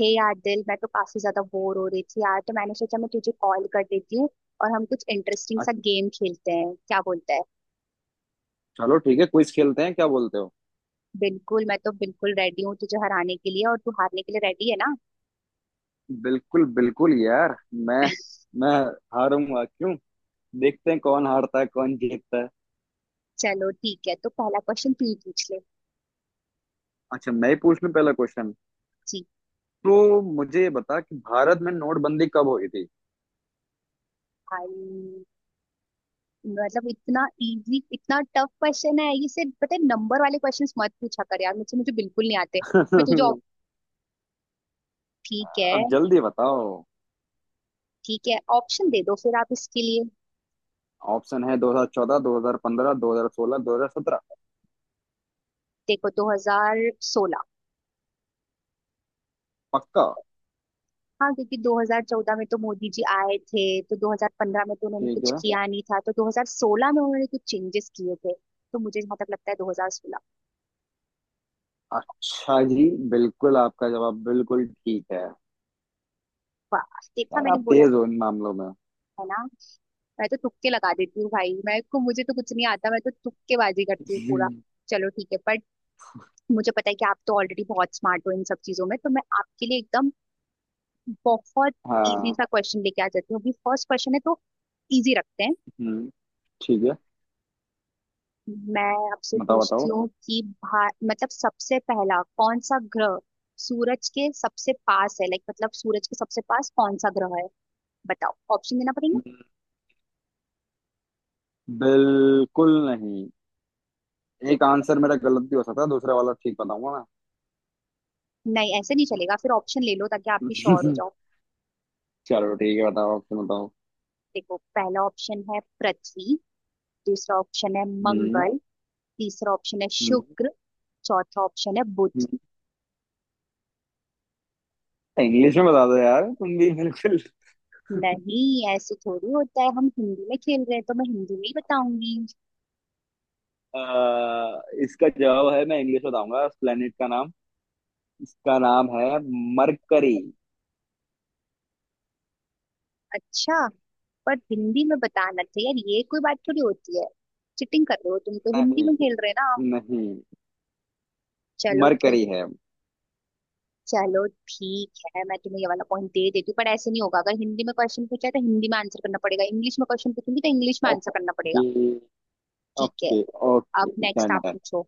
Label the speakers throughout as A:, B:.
A: हे यार, दिल मैं तो काफी ज्यादा बोर हो रही थी यार, तो मैंने सोचा मैं तुझे कॉल कर देती हूँ। और हम कुछ इंटरेस्टिंग सा
B: अच्छा,
A: गेम खेलते हैं, क्या बोलता है।
B: चलो ठीक है। क्विज खेलते हैं, क्या बोलते हो?
A: बिल्कुल, मैं तो बिल्कुल रेडी हूँ तुझे हराने के लिए, और तू हारने के लिए रेडी है ना।
B: बिल्कुल बिल्कुल यार। मैं मैं हारूंगा क्यों? देखते हैं कौन हारता है कौन जीतता है।
A: चलो ठीक है, तो पहला क्वेश्चन तू ही पूछ ले।
B: अच्छा, मैं ही पूछ लूं पहला क्वेश्चन।
A: जी।
B: तो मुझे ये बता कि भारत में नोटबंदी कब हुई थी?
A: भाई, मतलब इतना इजी इतना टफ क्वेश्चन है ये, सिर्फ पता है नंबर वाले क्वेश्चंस मत पूछा कर यार, मुझे मुझे बिल्कुल नहीं आते। मैं तुझे op- ठीक है।
B: अब जल्दी बताओ।
A: ठीक है, ऑप्शन दे दो फिर आप इसके लिए।
B: ऑप्शन है 2014, 2015, 2016, 2017।
A: देखो, 2016।
B: पक्का?
A: हाँ, क्योंकि 2014 में तो मोदी जी आए थे, तो 2015 में तो उन्होंने
B: ठीक
A: कुछ
B: है।
A: किया नहीं था, तो 2016 में उन्होंने कुछ चेंजेस किए थे। तो मुझे जहाँ तक लगता है 2016।
B: अच्छा जी। बिल्कुल आपका जवाब बिल्कुल ठीक है।
A: वाह, देखा,
B: यार
A: मैंने
B: आप
A: बोला
B: तेज हो इन मामलों में।
A: है ना। मैं तो तुक्के लगा देती हूँ भाई, मैं को मुझे तो कुछ नहीं आता, मैं तो तुक्केबाजी करती हूँ पूरा। चलो ठीक है, बट मुझे पता है कि आप तो ऑलरेडी बहुत स्मार्ट हो इन सब चीजों में, तो मैं आपके लिए एकदम बहुत इजी
B: हाँ।
A: सा क्वेश्चन लेके आ जाती हूँ। अभी फर्स्ट क्वेश्चन है तो इजी रखते हैं।
B: हम्म। ठीक है,
A: मैं आपसे
B: बताओ
A: पूछती
B: बताओ।
A: हूँ कि भा मतलब सबसे पहला कौन सा ग्रह सूरज के सबसे पास है, लाइक मतलब सूरज के सबसे पास कौन सा ग्रह है। बताओ, ऑप्शन देना पड़ेगा।
B: बिल्कुल नहीं। एक आंसर मेरा गलत भी हो सकता है, दूसरा वाला ठीक बताऊंगा।
A: नहीं, ऐसे नहीं चलेगा, फिर ऑप्शन ले लो ताकि आप भी
B: मैं
A: श्योर हो जाओ।
B: चलो ठीक है, बताओ। आप तुम बताओ।
A: देखो, पहला ऑप्शन है पृथ्वी, दूसरा ऑप्शन है
B: हम्म।
A: मंगल, तीसरा ऑप्शन है
B: हम्म।
A: शुक्र, चौथा ऑप्शन है बुध।
B: इंग्लिश में बता दो यार, तुम भी बिल्कुल।
A: नहीं, ऐसे थोड़ी होता है, हम हिंदी में खेल रहे हैं तो मैं हिंदी में ही बताऊंगी।
B: इसका जवाब है, मैं इंग्लिश बताऊंगा उस प्लेनेट का नाम। इसका नाम है मरकरी।
A: अच्छा, पर हिंदी में बताना चाहिए यार, ये कोई बात थोड़ी होती है। चिटिंग कर रहे हो तुम, तो हिंदी में
B: नहीं
A: खेल रहे हो ना।
B: नहीं,
A: चलो ठीक
B: मरकरी है।
A: चलो ठीक है, मैं तुम्हें ये वाला पॉइंट दे देती हूँ, पर ऐसे नहीं होगा। अगर हिंदी में क्वेश्चन पूछा है तो हिंदी में आंसर करना पड़ेगा, इंग्लिश में क्वेश्चन पूछूंगी तो इंग्लिश में आंसर करना
B: ओके।
A: पड़ेगा। ठीक है,
B: ओके ओके।
A: अब नेक्स्ट
B: डन
A: आप
B: डन।
A: पूछो।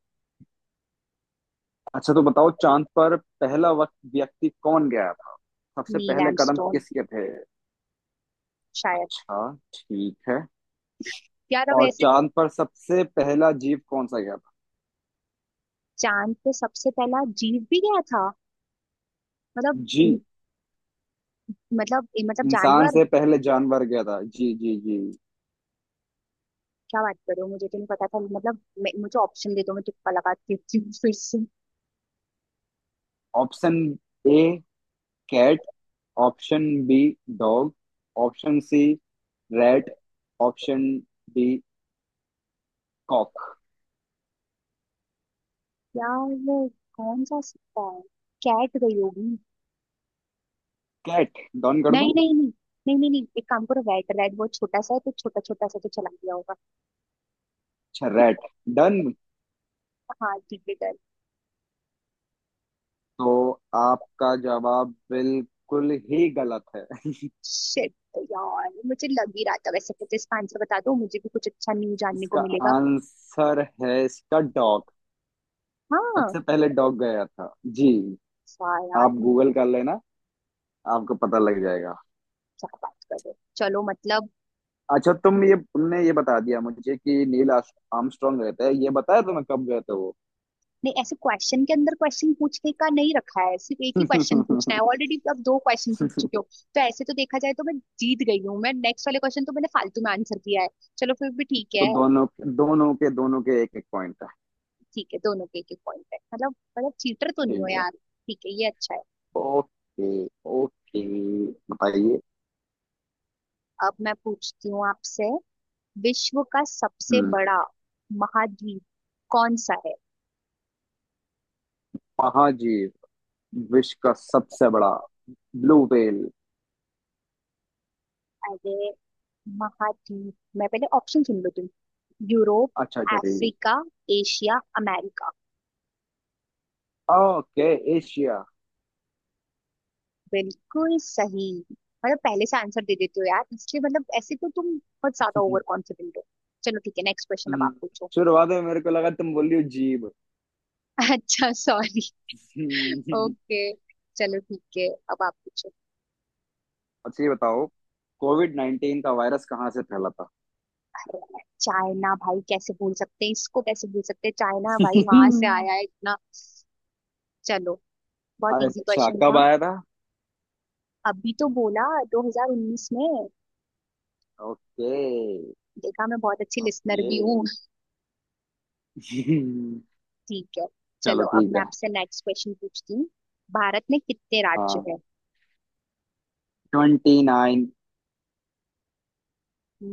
B: अच्छा तो बताओ, चांद पर पहला वक्त व्यक्ति कौन गया था? सबसे
A: नील
B: पहले कदम
A: आर्मस्ट्रॉन्ग।
B: किसके थे?
A: शायद।
B: अच्छा ठीक है।
A: यार अब
B: और
A: ऐसे।
B: चांद पर सबसे पहला जीव कौन सा गया था?
A: चांद पे सबसे पहला जीव भी गया था? मतलब
B: जी।
A: मतलब
B: इंसान
A: जानवर?
B: से पहले जानवर गया था। जी जी जी।
A: क्या बात कर रहे हो, मुझे तो नहीं पता था, मतलब मुझे ऑप्शन दे दो, मैं तुक्का लगा देती हूँ फिर से।
B: Option A cat, option B dog, option C rat, option D cock.
A: यार वो कौन सा सिक्का है। कैट गई होगी।
B: कैट डन कर दूं?
A: नहीं, नहीं, नहीं, नहीं, नहीं, नहीं, एक काम करो, रेड रेड वो छोटा सा है, तो छोटा छोटा सा तो चला गया होगा।
B: अच्छा, रैट डन।
A: हाँ, ठीक है, कर।
B: तो आपका जवाब बिल्कुल ही गलत है।
A: शिट, यार मुझे लग ही रहा था। वैसे मुझे इसका आंसर बता दो, मुझे भी कुछ अच्छा न्यू जानने को
B: इसका
A: मिलेगा।
B: आंसर है इसका डॉग।
A: हाँ।
B: सबसे पहले डॉग गया था जी।
A: सारा यार।
B: आप गूगल कर लेना, आपको पता लग जाएगा।
A: क्या बात कर रहे हो, चलो मतलब।
B: अच्छा तुम ये तुमने ये बता दिया मुझे कि नील आर्स- आर्मस्ट्रांग रहता है, ये बताया तुम्हें कब गए थे वो?
A: नहीं, ऐसे क्वेश्चन के अंदर क्वेश्चन पूछने का नहीं रखा है, सिर्फ एक ही क्वेश्चन पूछना है, ऑलरेडी अब दो क्वेश्चन पूछ चुके हो। तो ऐसे तो देखा जाए तो मैं जीत गई हूँ, मैं नेक्स्ट वाले क्वेश्चन तो मैंने फालतू में आंसर दिया है। चलो, फिर भी ठीक
B: तो
A: है।
B: दोनों दोनों के एक एक पॉइंट है।
A: ठीक है, दोनों के एक एक पॉइंट है मतलब, चीटर तो नहीं हो
B: ठीक है।
A: यार। ठीक है, ये अच्छा है।
B: Okay okay. बताइए।
A: अब मैं पूछती हूँ आपसे, विश्व का सबसे
B: हम्म।
A: बड़ा महाद्वीप कौन सा है।
B: महाजीव? विश्व का सबसे बड़ा ब्लू व्हेल?
A: अरे, महाद्वीप। मैं पहले ऑप्शन सुन लो तुम। यूरोप,
B: अच्छा अच्छा, ठीक
A: अफ्रीका, एशिया, अमेरिका।
B: है। Okay, Asia.
A: बिल्कुल सही। मतलब पहले से आंसर दे देते हो यार, इसलिए मतलब ऐसे तो तुम बहुत ज्यादा ओवर कॉन्फिडेंट हो। चलो ठीक है, नेक्स्ट क्वेश्चन अब
B: हम्म,
A: आप पूछो।
B: शुरुआत में मेरे को लगा तुम बोल रही हो जीभ।
A: अच्छा, सॉरी।
B: हम्म,
A: ओके, चलो ठीक है, अब आप पूछो।
B: अच्छा ये बताओ, कोविड नाइन्टीन का वायरस कहाँ से फैला था?
A: अरे, चाइना भाई, कैसे भूल सकते हैं इसको, कैसे भूल सकते हैं। चाइना भाई वहां से आया है इतना। चलो, बहुत इजी
B: अच्छा,
A: क्वेश्चन
B: कब
A: था।
B: आया था?
A: अभी तो बोला, 2019 में।
B: ओके।
A: देखा, मैं बहुत अच्छी लिसनर
B: ओके।
A: भी हूँ। ठीक है,
B: चलो
A: चलो अब
B: ठीक
A: मैं
B: है।
A: आपसे नेक्स्ट क्वेश्चन पूछती हूँ। भारत में कितने राज्य
B: हाँ,
A: है।
B: Twenty nine.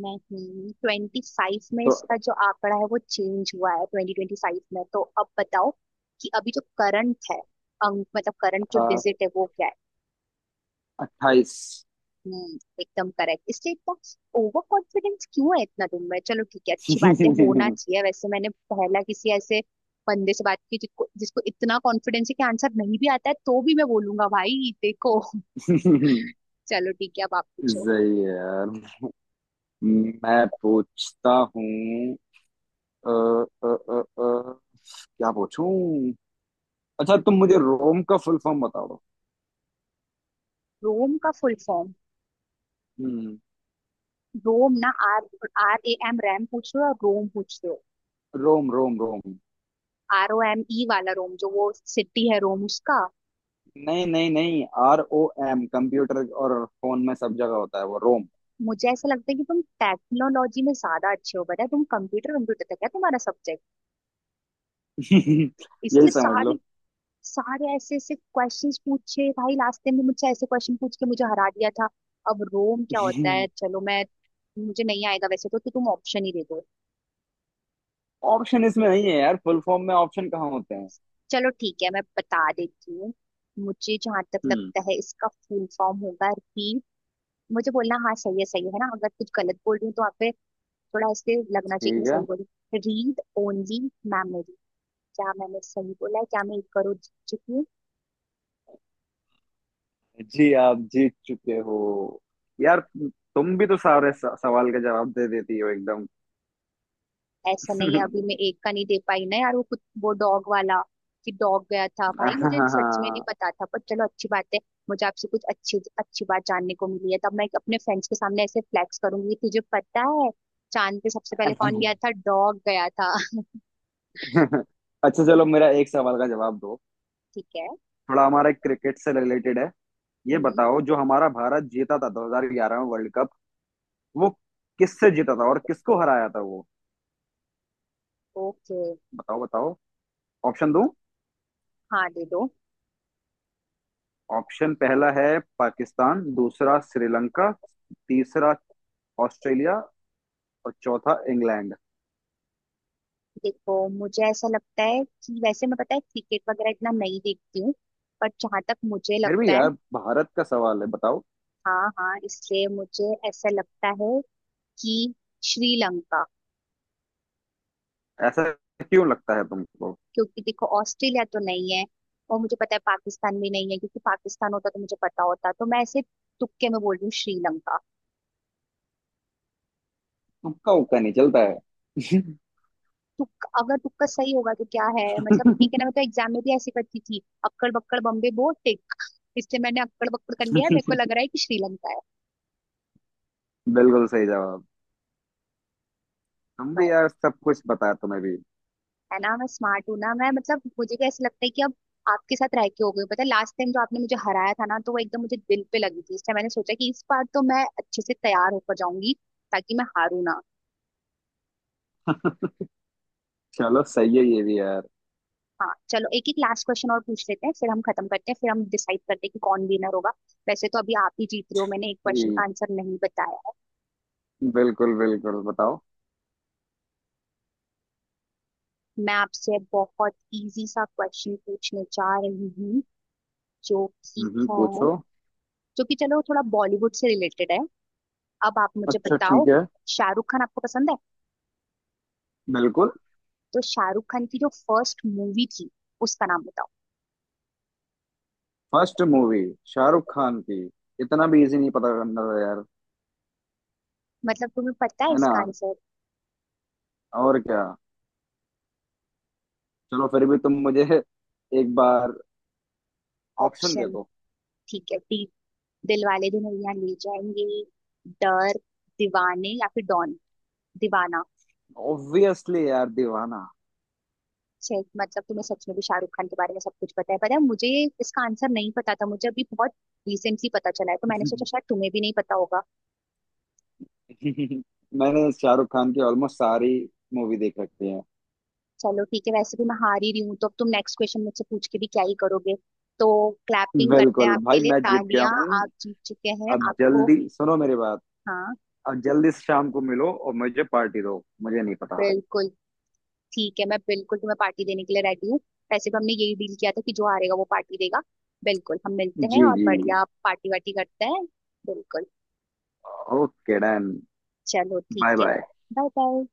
A: नहीं, 25 में
B: तो
A: इसका जो आंकड़ा है वो चेंज हुआ है, 2025 में, तो अब बताओ कि अभी जो करंट है अंक, मतलब करंट जो
B: हाँ,
A: डिजिट है वो क्या है।
B: अट्ठाईस।
A: हम्म, एकदम करेक्ट। इसलिए इतना ओवर कॉन्फिडेंस क्यों है इतना तुम में, चलो ठीक है, अच्छी बातें होना
B: सही
A: चाहिए। वैसे मैंने पहला किसी ऐसे बंदे से बात की जिसको जिसको इतना कॉन्फिडेंस है कि आंसर नहीं भी आता है तो भी मैं बोलूंगा भाई देखो। चलो ठीक है, अब आप पूछो।
B: है यार। मैं पूछता हूँ। अ, अ, अ, अ, क्या पूछूं? अच्छा, तुम मुझे रोम का फुल फॉर्म बता दो।
A: रोम का फुल फॉर्म?
B: हम्म।
A: रोम ना, आर RAM रैम पूछ रहे हो और रोम पूछ रहे हो।
B: रोम रोम रोम।
A: Rome वाला रोम, जो वो सिटी है, रोम, उसका।
B: नहीं नहीं नहीं, आर ओ एम, कंप्यूटर और फोन में सब जगह होता है वो रोम।
A: मुझे ऐसा लगता है कि तुम टेक्नोलॉजी में ज्यादा अच्छे हो, बताया तुम। कंप्यूटर, कंप्यूटर तक है तुम्हारा सब्जेक्ट।
B: यही
A: इससे
B: समझ लो।
A: सारे सारे ऐसे ऐसे क्वेश्चंस पूछे भाई, लास्ट टाइम भी मुझसे ऐसे क्वेश्चन पूछ के मुझे हरा दिया था। अब रोम क्या होता है। चलो, मैं मुझे नहीं आएगा वैसे, तो तुम ऑप्शन ही दे दो।
B: ऑप्शन इसमें नहीं है यार, फुल फॉर्म में ऑप्शन कहाँ होते हैं?
A: चलो ठीक है, मैं बता देती हूँ। मुझे जहां तक
B: हम्म।
A: लगता है इसका फुल फॉर्म होगा री, मुझे बोलना हाँ सही है, सही है ना, अगर कुछ गलत बोल रही हूँ तो आप पे थोड़ा इससे लगना चाहिए कि
B: ठीक
A: मैं
B: है।
A: सही बोली। Read only memory. क्या मैंने सही बोला है? क्या मैं एक करोड़ जीत चुकी हूँ?
B: जी आप जीत चुके हो। यार तुम भी तो सारे स- सवाल का जवाब दे देती हो एकदम।
A: ऐसा नहीं है, अभी मैं एक का नहीं दे पाई ना यार, वो कुछ वो डॉग वाला, कि डॉग गया था, भाई मुझे सच में नहीं पता था, पर चलो अच्छी बात है। मुझे आपसे कुछ अच्छी अच्छी बात जानने को मिली है, तब मैं अपने फ्रेंड्स के सामने ऐसे फ्लैक्स करूंगी कि तुझे पता है चांद पे सबसे पहले कौन गया था। डॉग गया था।
B: अच्छा चलो, मेरा एक सवाल का जवाब दो।
A: ठीक है।
B: थोड़ा हमारा क्रिकेट से रिलेटेड है। ये बताओ, जो हमारा भारत जीता था 2011 में वर्ल्ड कप, वो किससे जीता था और किसको हराया था वो?
A: ओके।
B: बताओ बताओ। ऑप्शन दूं?
A: हाँ, दे दो।
B: ऑप्शन पहला है पाकिस्तान, दूसरा श्रीलंका, तीसरा ऑस्ट्रेलिया, और चौथा इंग्लैंड।
A: देखो, मुझे ऐसा लगता है कि, वैसे मैं पता है क्रिकेट वगैरह इतना नहीं देखती हूँ, पर जहां तक मुझे
B: फिर भी
A: लगता है।
B: यार, भारत का सवाल है, बताओ।
A: हाँ, हाँ, इसलिए मुझे ऐसा लगता है कि श्रीलंका।
B: ऐसा क्यों लगता है तुमको?
A: क्योंकि देखो, ऑस्ट्रेलिया तो नहीं है, और मुझे पता है पाकिस्तान भी नहीं है, क्योंकि पाकिस्तान होता तो मुझे पता होता, तो मैं ऐसे तुक्के में बोल रही हूँ श्रीलंका।
B: तुक्का उक्का नहीं चलता है।
A: तुक्का, अगर तुक्का सही होगा तो क्या है, मतलब ठीक है ना, मैं तो एग्जाम में भी ऐसे करती थी, अक्कड़ बक्कड़ बम्बे बो टिक। इसलिए मैंने अक्कड़ बक्कड़ कर लिया है, मेरे को लग रहा है कि श्रीलंका है।
B: बिल्कुल सही जवाब। तुम भी यार सब कुछ बताया, तुम्हें भी।
A: है ना, मैं स्मार्ट हूँ ना, मैं मतलब मुझे क्या ऐसा लगता है कि अब आपके साथ रह के हो गई हूँ। पता है, लास्ट टाइम जो आपने मुझे हराया था ना, तो वो एकदम मुझे दिल पे लगी थी, इसलिए मैंने सोचा कि इस बार तो मैं अच्छे से तैयार होकर जाऊंगी, ताकि मैं हारू ना।
B: चलो सही है ये भी यार।
A: हाँ, चलो एक एक लास्ट क्वेश्चन और पूछ लेते हैं, फिर हम खत्म करते हैं, फिर हम डिसाइड करते हैं कि कौन विनर होगा। वैसे तो अभी आप ही जीत रहे हो, मैंने एक क्वेश्चन का
B: ठीक।
A: आंसर नहीं बताया है।
B: बिल्कुल बिल्कुल, बताओ।
A: मैं आपसे बहुत इजी सा क्वेश्चन पूछने जा रही हूँ, जो कि है
B: पूछो।
A: जो कि चलो थोड़ा बॉलीवुड से रिलेटेड है। अब आप मुझे
B: अच्छा
A: बताओ,
B: ठीक है।
A: शाहरुख खान आपको पसंद है।
B: बिल्कुल।
A: तो शाहरुख खान की जो फर्स्ट मूवी थी, उसका नाम बताओ।
B: फर्स्ट मूवी शाहरुख खान की? इतना भी इजी नहीं पता करना था यार।
A: मतलब तुम्हें पता है
B: है ना,
A: इसका आंसर।
B: और क्या। चलो फिर भी तुम मुझे एक बार ऑप्शन दे
A: ऑप्शन,
B: दो।
A: ठीक है, डी: दिल वाले दुल्हनिया ले जाएंगे, डर, दीवाने, या फिर डॉन, दीवाना।
B: ऑब्वियसली यार, दीवाना।
A: छे, मतलब तुम्हें सच में भी शाहरुख खान के बारे में सब कुछ पता है। पता है, मुझे इसका आंसर नहीं पता था, मुझे अभी बहुत रिसेंटली पता चला है, तो मैंने सोचा शायद तुम्हें भी नहीं पता होगा।
B: मैंने शाहरुख खान की ऑलमोस्ट सारी मूवी देख रखी है।
A: चलो ठीक है, वैसे भी मैं हार ही रही हूँ, तो अब तुम नेक्स्ट क्वेश्चन मुझसे पूछ के भी क्या ही करोगे। तो क्लैपिंग करते हैं
B: बिल्कुल
A: आपके
B: भाई,
A: लिए,
B: मैं जीत गया
A: तालियां।
B: हूँ।
A: आप जीत चुके हैं,
B: अब
A: आपको।
B: जल्दी सुनो मेरी बात।
A: हाँ।
B: अब जल्दी से शाम को मिलो और मुझे पार्टी दो। मुझे नहीं पता।
A: बिल्कुल। ठीक है, मैं बिल्कुल तुम्हें पार्टी देने के लिए रेडी हूँ। वैसे भी हमने यही डील किया था कि जो हारेगा वो पार्टी देगा। बिल्कुल, हम मिलते हैं
B: जी
A: और
B: जी।
A: बढ़िया पार्टी वार्टी करते हैं। बिल्कुल।
B: Okay done.
A: चलो ठीक
B: बाय
A: है,
B: बाय।
A: Bye bye.